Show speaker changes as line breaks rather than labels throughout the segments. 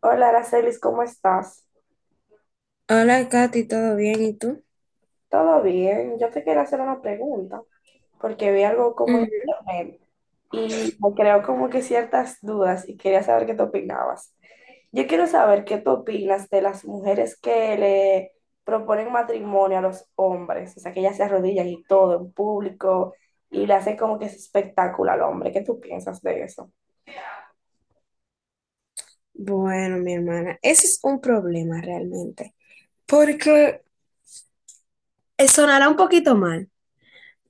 Hola, Aracelis, ¿cómo estás?
Hola, Katy, ¿todo bien? ¿Y tú?
¿Todo bien? Yo te quería hacer una pregunta porque vi algo como en
Ujú.
internet y me creó como que ciertas dudas y quería saber qué tú opinabas. Yo quiero saber qué tú opinas de las mujeres que le proponen matrimonio a los hombres, o sea, que ellas se arrodillan y todo en público y le hacen como que ese espectáculo al hombre. ¿Qué tú piensas de eso?
Bueno, mi hermana, ese es un problema realmente, porque sonará un poquito mal,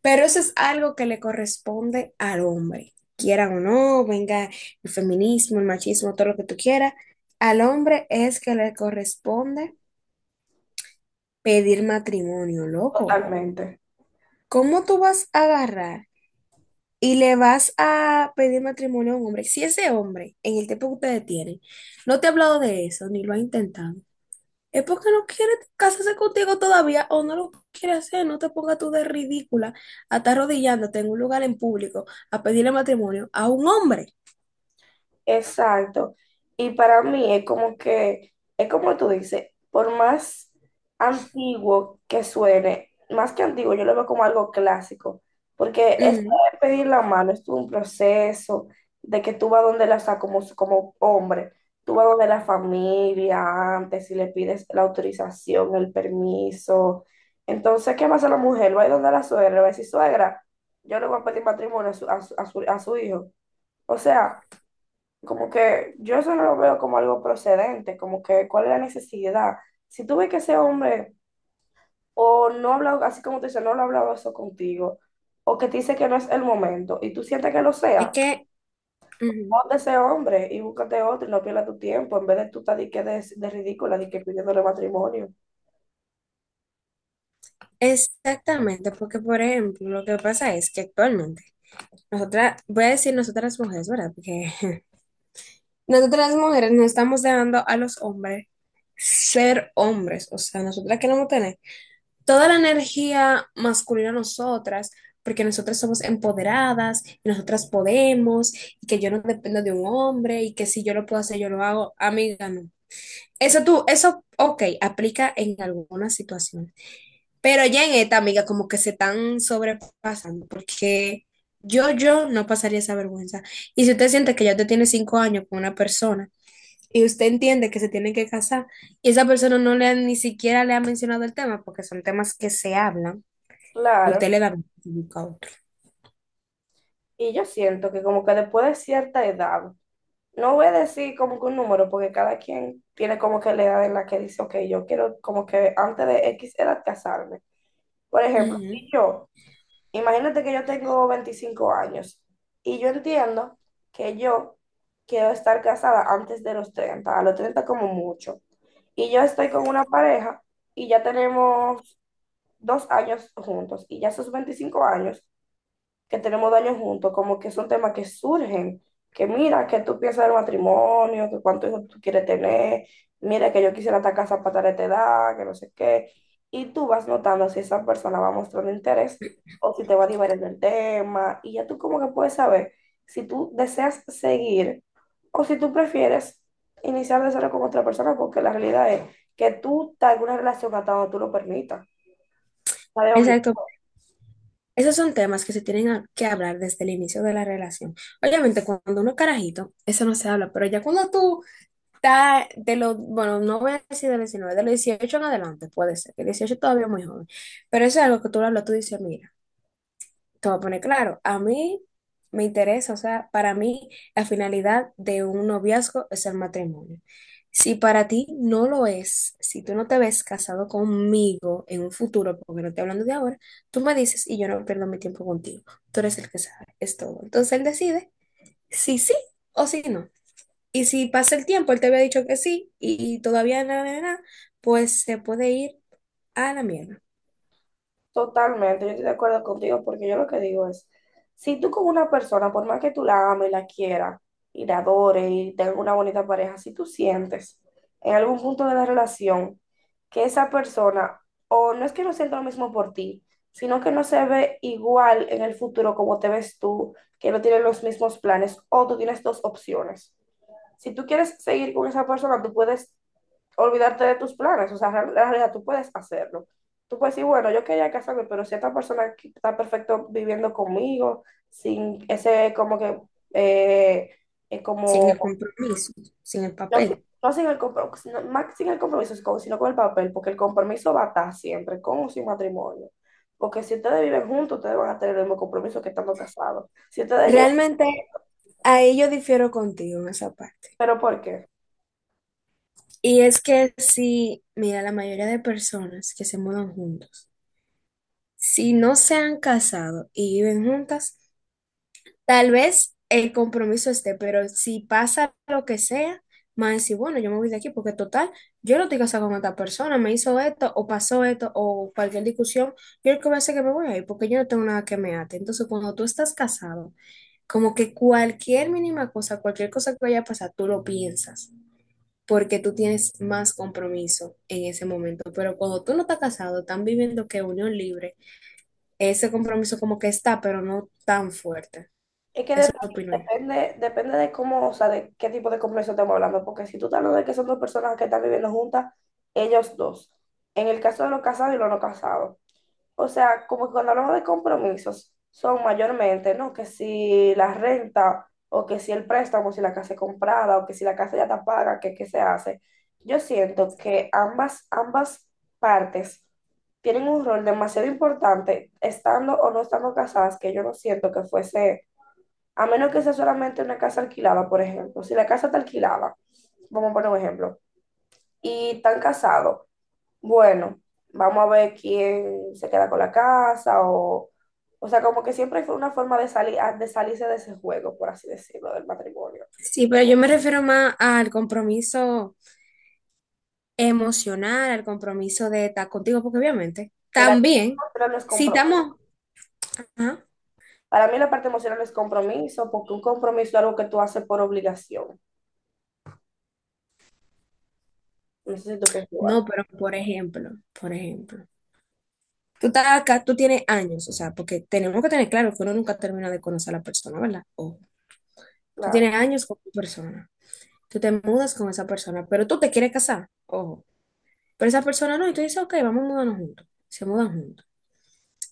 pero eso es algo que le corresponde al hombre, quiera o no, venga el feminismo, el machismo, todo lo que tú quieras, al hombre es que le corresponde pedir matrimonio, loco.
Totalmente.
¿Cómo tú vas a agarrar y le vas a pedir matrimonio a un hombre? Si ese hombre, en el tiempo que ustedes tienen, no te ha hablado de eso, ni lo ha intentado. Es porque no quiere casarse contigo todavía o no lo quiere hacer. No te pongas tú de ridícula a estar arrodillándote en un lugar en público a pedirle matrimonio a un hombre.
Exacto. Y para mí es como que, es como tú dices, por más antiguo que suene, más que antiguo, yo lo veo como algo clásico, porque eso
Ujú.
de pedir la mano es todo un proceso de que tú vas donde la, o sea, como, como hombre, tú vas donde la familia antes y le pides la autorización, el permiso. Entonces, ¿qué pasa la mujer? Va a ir donde la suegra, le va a decir, suegra, yo le voy a pedir matrimonio a su, a su hijo. O sea... Como que yo eso no lo veo como algo procedente, como que cuál es la necesidad. Si tú ves que ese hombre o no ha hablado, así como te dice, no lo ha hablado eso contigo, o que te dice que no es el momento y tú sientes que lo
Es
sea,
que, ujú.
pon de ese hombre y búscate otro y no pierdas tu tiempo en vez de tú estar de, de ridícula, de que pidiéndole matrimonio.
Exactamente, porque por ejemplo, lo que pasa es que actualmente, nosotras, voy a decir nosotras mujeres, ¿verdad? Porque nosotras las mujeres no estamos dejando a los hombres ser hombres, o sea, nosotras queremos tener toda la energía masculina a nosotras, porque nosotras somos empoderadas y nosotras podemos, y que yo no dependo de un hombre y que si yo lo puedo hacer, yo lo hago, amiga, no. Eso tú, eso, ok, aplica en algunas situaciones, pero ya en esta, amiga, como que se están sobrepasando, porque yo no pasaría esa vergüenza. Y si usted siente que ya usted tiene 5 años con una persona y usted entiende que se tienen que casar y esa persona ni siquiera le ha mencionado el tema, porque son temas que se hablan, usted
Claro,
le da beneficio a otro.
y yo siento que como que después de cierta edad, no voy a decir como que un número, porque cada quien tiene como que la edad en la que dice, ok, yo quiero como que antes de X edad casarme. Por ejemplo,
Ujú.
si yo, imagínate que yo tengo 25 años y yo entiendo que yo quiero estar casada antes de los 30, a los 30 como mucho. Y yo estoy con una pareja y ya tenemos 2 años juntos y ya esos 25 años que tenemos daños juntos, como que son temas que surgen, que mira, que tú piensas del matrimonio, que cuántos hijos tú quieres tener, mira que yo quisiera esta casa para tal edad, que no sé qué, y tú vas notando si esa persona va mostrando interés o si te va a divertir el tema, y ya tú como que puedes saber si tú deseas seguir o si tú prefieres iniciar de cero con otra persona, porque la realidad es que tú estás en una relación hasta donde tú lo permitas, está de obligado.
Exacto. Esos son temas que se tienen que hablar desde el inicio de la relación. Obviamente, cuando uno es carajito, eso no se habla, pero ya cuando tú estás de los, bueno, no voy a decir de los 19, de los 18 en adelante, puede ser, que 18 todavía es muy joven, pero eso es algo que tú lo hablas, tú dices, mira, te voy a poner claro, a mí me interesa, o sea, para mí la finalidad de un noviazgo es el matrimonio. Si para ti no lo es, si tú no te ves casado conmigo en un futuro, porque no estoy hablando de ahora, tú me dices y yo no pierdo mi tiempo contigo. Tú eres el que sabe, es todo. Entonces él decide si sí o si no. Y si pasa el tiempo, él te había dicho que sí y todavía nada, nada, nada, pues se puede ir a la mierda,
Totalmente, yo estoy de acuerdo contigo porque yo lo que digo es, si tú con una persona, por más que tú la ames, la quieras y la adores y tengas una bonita pareja, si tú sientes en algún punto de la relación que esa persona, o no es que no sienta lo mismo por ti, sino que no se ve igual en el futuro como te ves tú, que no tienen los mismos planes, o tú tienes dos opciones. Si tú quieres seguir con esa persona, tú puedes olvidarte de tus planes, o sea, en realidad tú puedes hacerlo. Tú puedes decir, bueno, yo quería casarme, pero si esta persona aquí está perfecto viviendo conmigo, sin ese como que, eh,
sin el
como,
compromiso, sin el
no,
papel.
no sin el compromiso, más sin el compromiso, sino con el papel, porque el compromiso va a estar siempre, con o sin matrimonio. Porque si ustedes viven juntos, ustedes van a tener el mismo compromiso que estando casados. Si ustedes llegan,
Realmente, ahí yo difiero contigo en esa parte.
¿pero por qué?
Y es que si, mira, la mayoría de personas que se mudan juntos, si no se han casado y viven juntas, tal vez el compromiso esté, pero si pasa lo que sea, más decir, bueno, yo me voy de aquí porque total, yo no estoy casada con esta persona, me hizo esto o pasó esto o cualquier discusión, yo lo que voy a hacer es que me voy a ir porque yo no tengo nada que me ate. Entonces, cuando tú estás casado, como que cualquier mínima cosa, cualquier cosa que vaya a pasar, tú lo piensas, porque tú tienes más compromiso en ese momento. Pero cuando tú no estás casado, están viviendo que unión libre, ese compromiso como que está, pero no tan fuerte.
Es que
Eso
dep-
opino yo.
depende, depende de cómo, o sea, de qué tipo de compromiso estamos hablando, porque si tú estás hablando de que son dos personas que están viviendo juntas, ellos dos. En el caso de los casados y los no casados. O sea, como que cuando hablamos de compromisos, son mayormente, ¿no? Que si la renta, o que si el préstamo, si la casa es comprada, o que si la casa ya está paga, que qué se hace. Yo siento que ambas partes tienen un rol demasiado importante, estando o no estando casadas, que yo no siento que fuese a menos que sea solamente una casa alquilada, por ejemplo. Si la casa está alquilada, vamos a poner un ejemplo, y están casados, bueno, vamos a ver quién se queda con la casa o... O sea, como que siempre fue una forma de, salir, de salirse de ese juego, por así decirlo, del matrimonio.
Sí, pero yo me refiero más al compromiso emocional, al compromiso de estar contigo, porque obviamente
Mira,
también,
para mí, no es
si
compromiso.
estamos, ajá.
Para mí la parte emocional no es compromiso, porque un compromiso es algo que tú haces por obligación. No sé si tú piensas igual.
No, pero por ejemplo, tú estás acá, tú tienes años, o sea, porque tenemos que tener claro que uno nunca termina de conocer a la persona, ¿verdad? O tú
Claro.
tienes años con tu persona. Tú te mudas con esa persona, pero tú te quieres casar, ojo. Pero esa persona no, y tú dices, ok, vamos a mudarnos juntos. Se mudan juntos,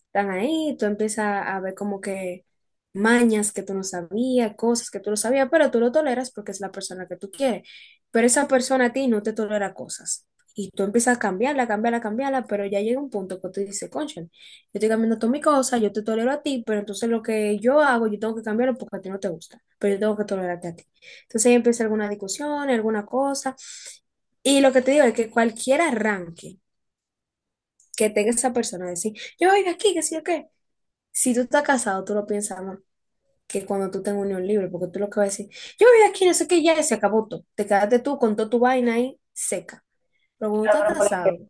están ahí, tú empiezas a ver como que mañas que tú no sabías, cosas que tú no sabías, pero tú lo toleras porque es la persona que tú quieres. Pero esa persona a ti no te tolera cosas. Y tú empiezas a cambiarla, cambiarla, cambiarla, pero ya llega un punto que tú dices, concha, yo estoy cambiando todas mis cosas, yo te tolero a ti, pero entonces lo que yo hago, yo tengo que cambiarlo porque a ti no te gusta, pero yo tengo que tolerarte a ti. Entonces ahí empieza alguna discusión, alguna cosa. Y lo que te digo es que cualquier arranque que tenga esa persona, decir, yo voy de aquí, que sí, ok. Si tú estás casado, tú lo piensas más que cuando tú tengas unión libre, porque tú lo que vas a decir, yo voy aquí, no sé qué, ya se acabó todo. Te quedaste tú con toda tu vaina ahí seca. Pero cuando estás
Pero, por
casado,
ejemplo,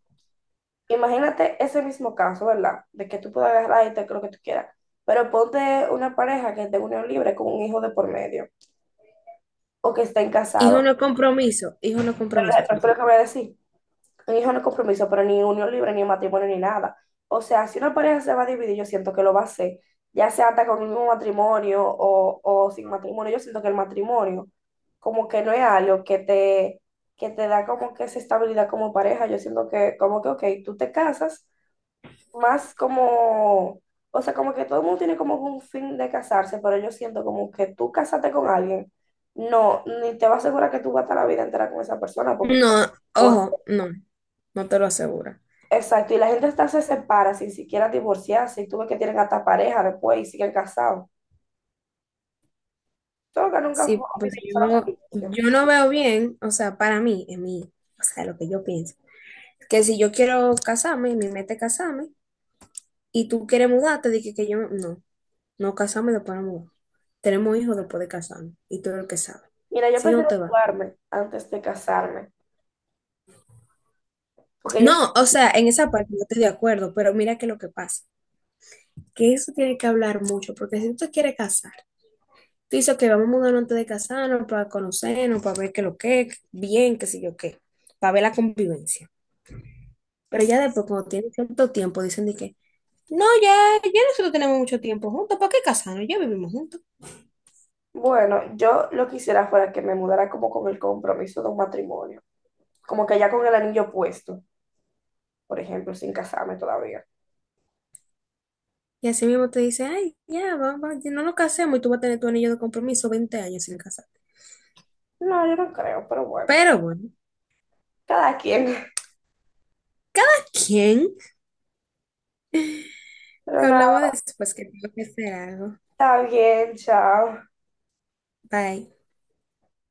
imagínate ese mismo caso, ¿verdad? De que tú puedas agarrar y te lo que tú quieras. Pero ponte una pareja que esté en unión libre con un hijo de por medio o que estén
hijo
casados.
no es compromiso, hijo no es
Pero
compromiso
pero fue
tampoco.
que voy a decir. Un hijo no es compromiso, pero ni unión libre, ni matrimonio, ni nada. O sea, si una pareja se va a dividir, yo siento que lo va a hacer. Ya sea hasta con un matrimonio o sin matrimonio. Yo siento que el matrimonio como que no es algo que te da como que esa estabilidad como pareja. Yo siento que como que, ok, tú te casas más como, o sea, como que todo el mundo tiene como un fin de casarse, pero yo siento como que tú casarte con alguien, no, ni te va a asegurar que tú vas a estar la vida entera con esa persona, porque,
No,
por-
ojo, no, no te lo aseguro.
exacto, y la gente hasta se separa sin siquiera divorciarse, y tú ves que tienen hasta pareja después y siguen casados. Solo que nunca fue
Sí, pero
oficial solamente
yo,
divorcio.
yo no veo bien, o sea, para mí, en mí, o sea, lo que yo pienso, que si yo quiero casarme, mi meta es casarme, y tú quieres mudarte, dije que yo no. No casamos y después nos mudamos. Tenemos hijos después de casarnos y todo lo que sabe.
Mira, yo
Si no
prefiero
te va.
mudarme antes de casarme, porque yo,
No, o sea, en esa parte no estoy de acuerdo, pero mira que lo que pasa, que eso tiene que hablar mucho, porque si tú te quieres casar, tú dices que vamos a mudarnos antes de casarnos para conocernos, para ver qué lo que es, bien, qué sé yo qué, para ver la convivencia. Pero
es-
ya después, cuando tienen cierto tiempo, dicen de que, no, ya, ya nosotros tenemos mucho tiempo juntos, ¿para qué casarnos? Ya vivimos juntos.
bueno, yo lo que quisiera fuera que me mudara como con el compromiso de un matrimonio, como que ya con el anillo puesto, por ejemplo, sin casarme todavía.
Y así mismo te dice, ay, ya, vamos, no nos casemos y tú vas a tener tu anillo de compromiso 20 años sin casar.
No, yo no creo, pero bueno,
Pero bueno,
cada quien.
¿quién?
Pero
Hablamos
nada,
después que tengo que hacer algo.
está bien, chao.
Bye.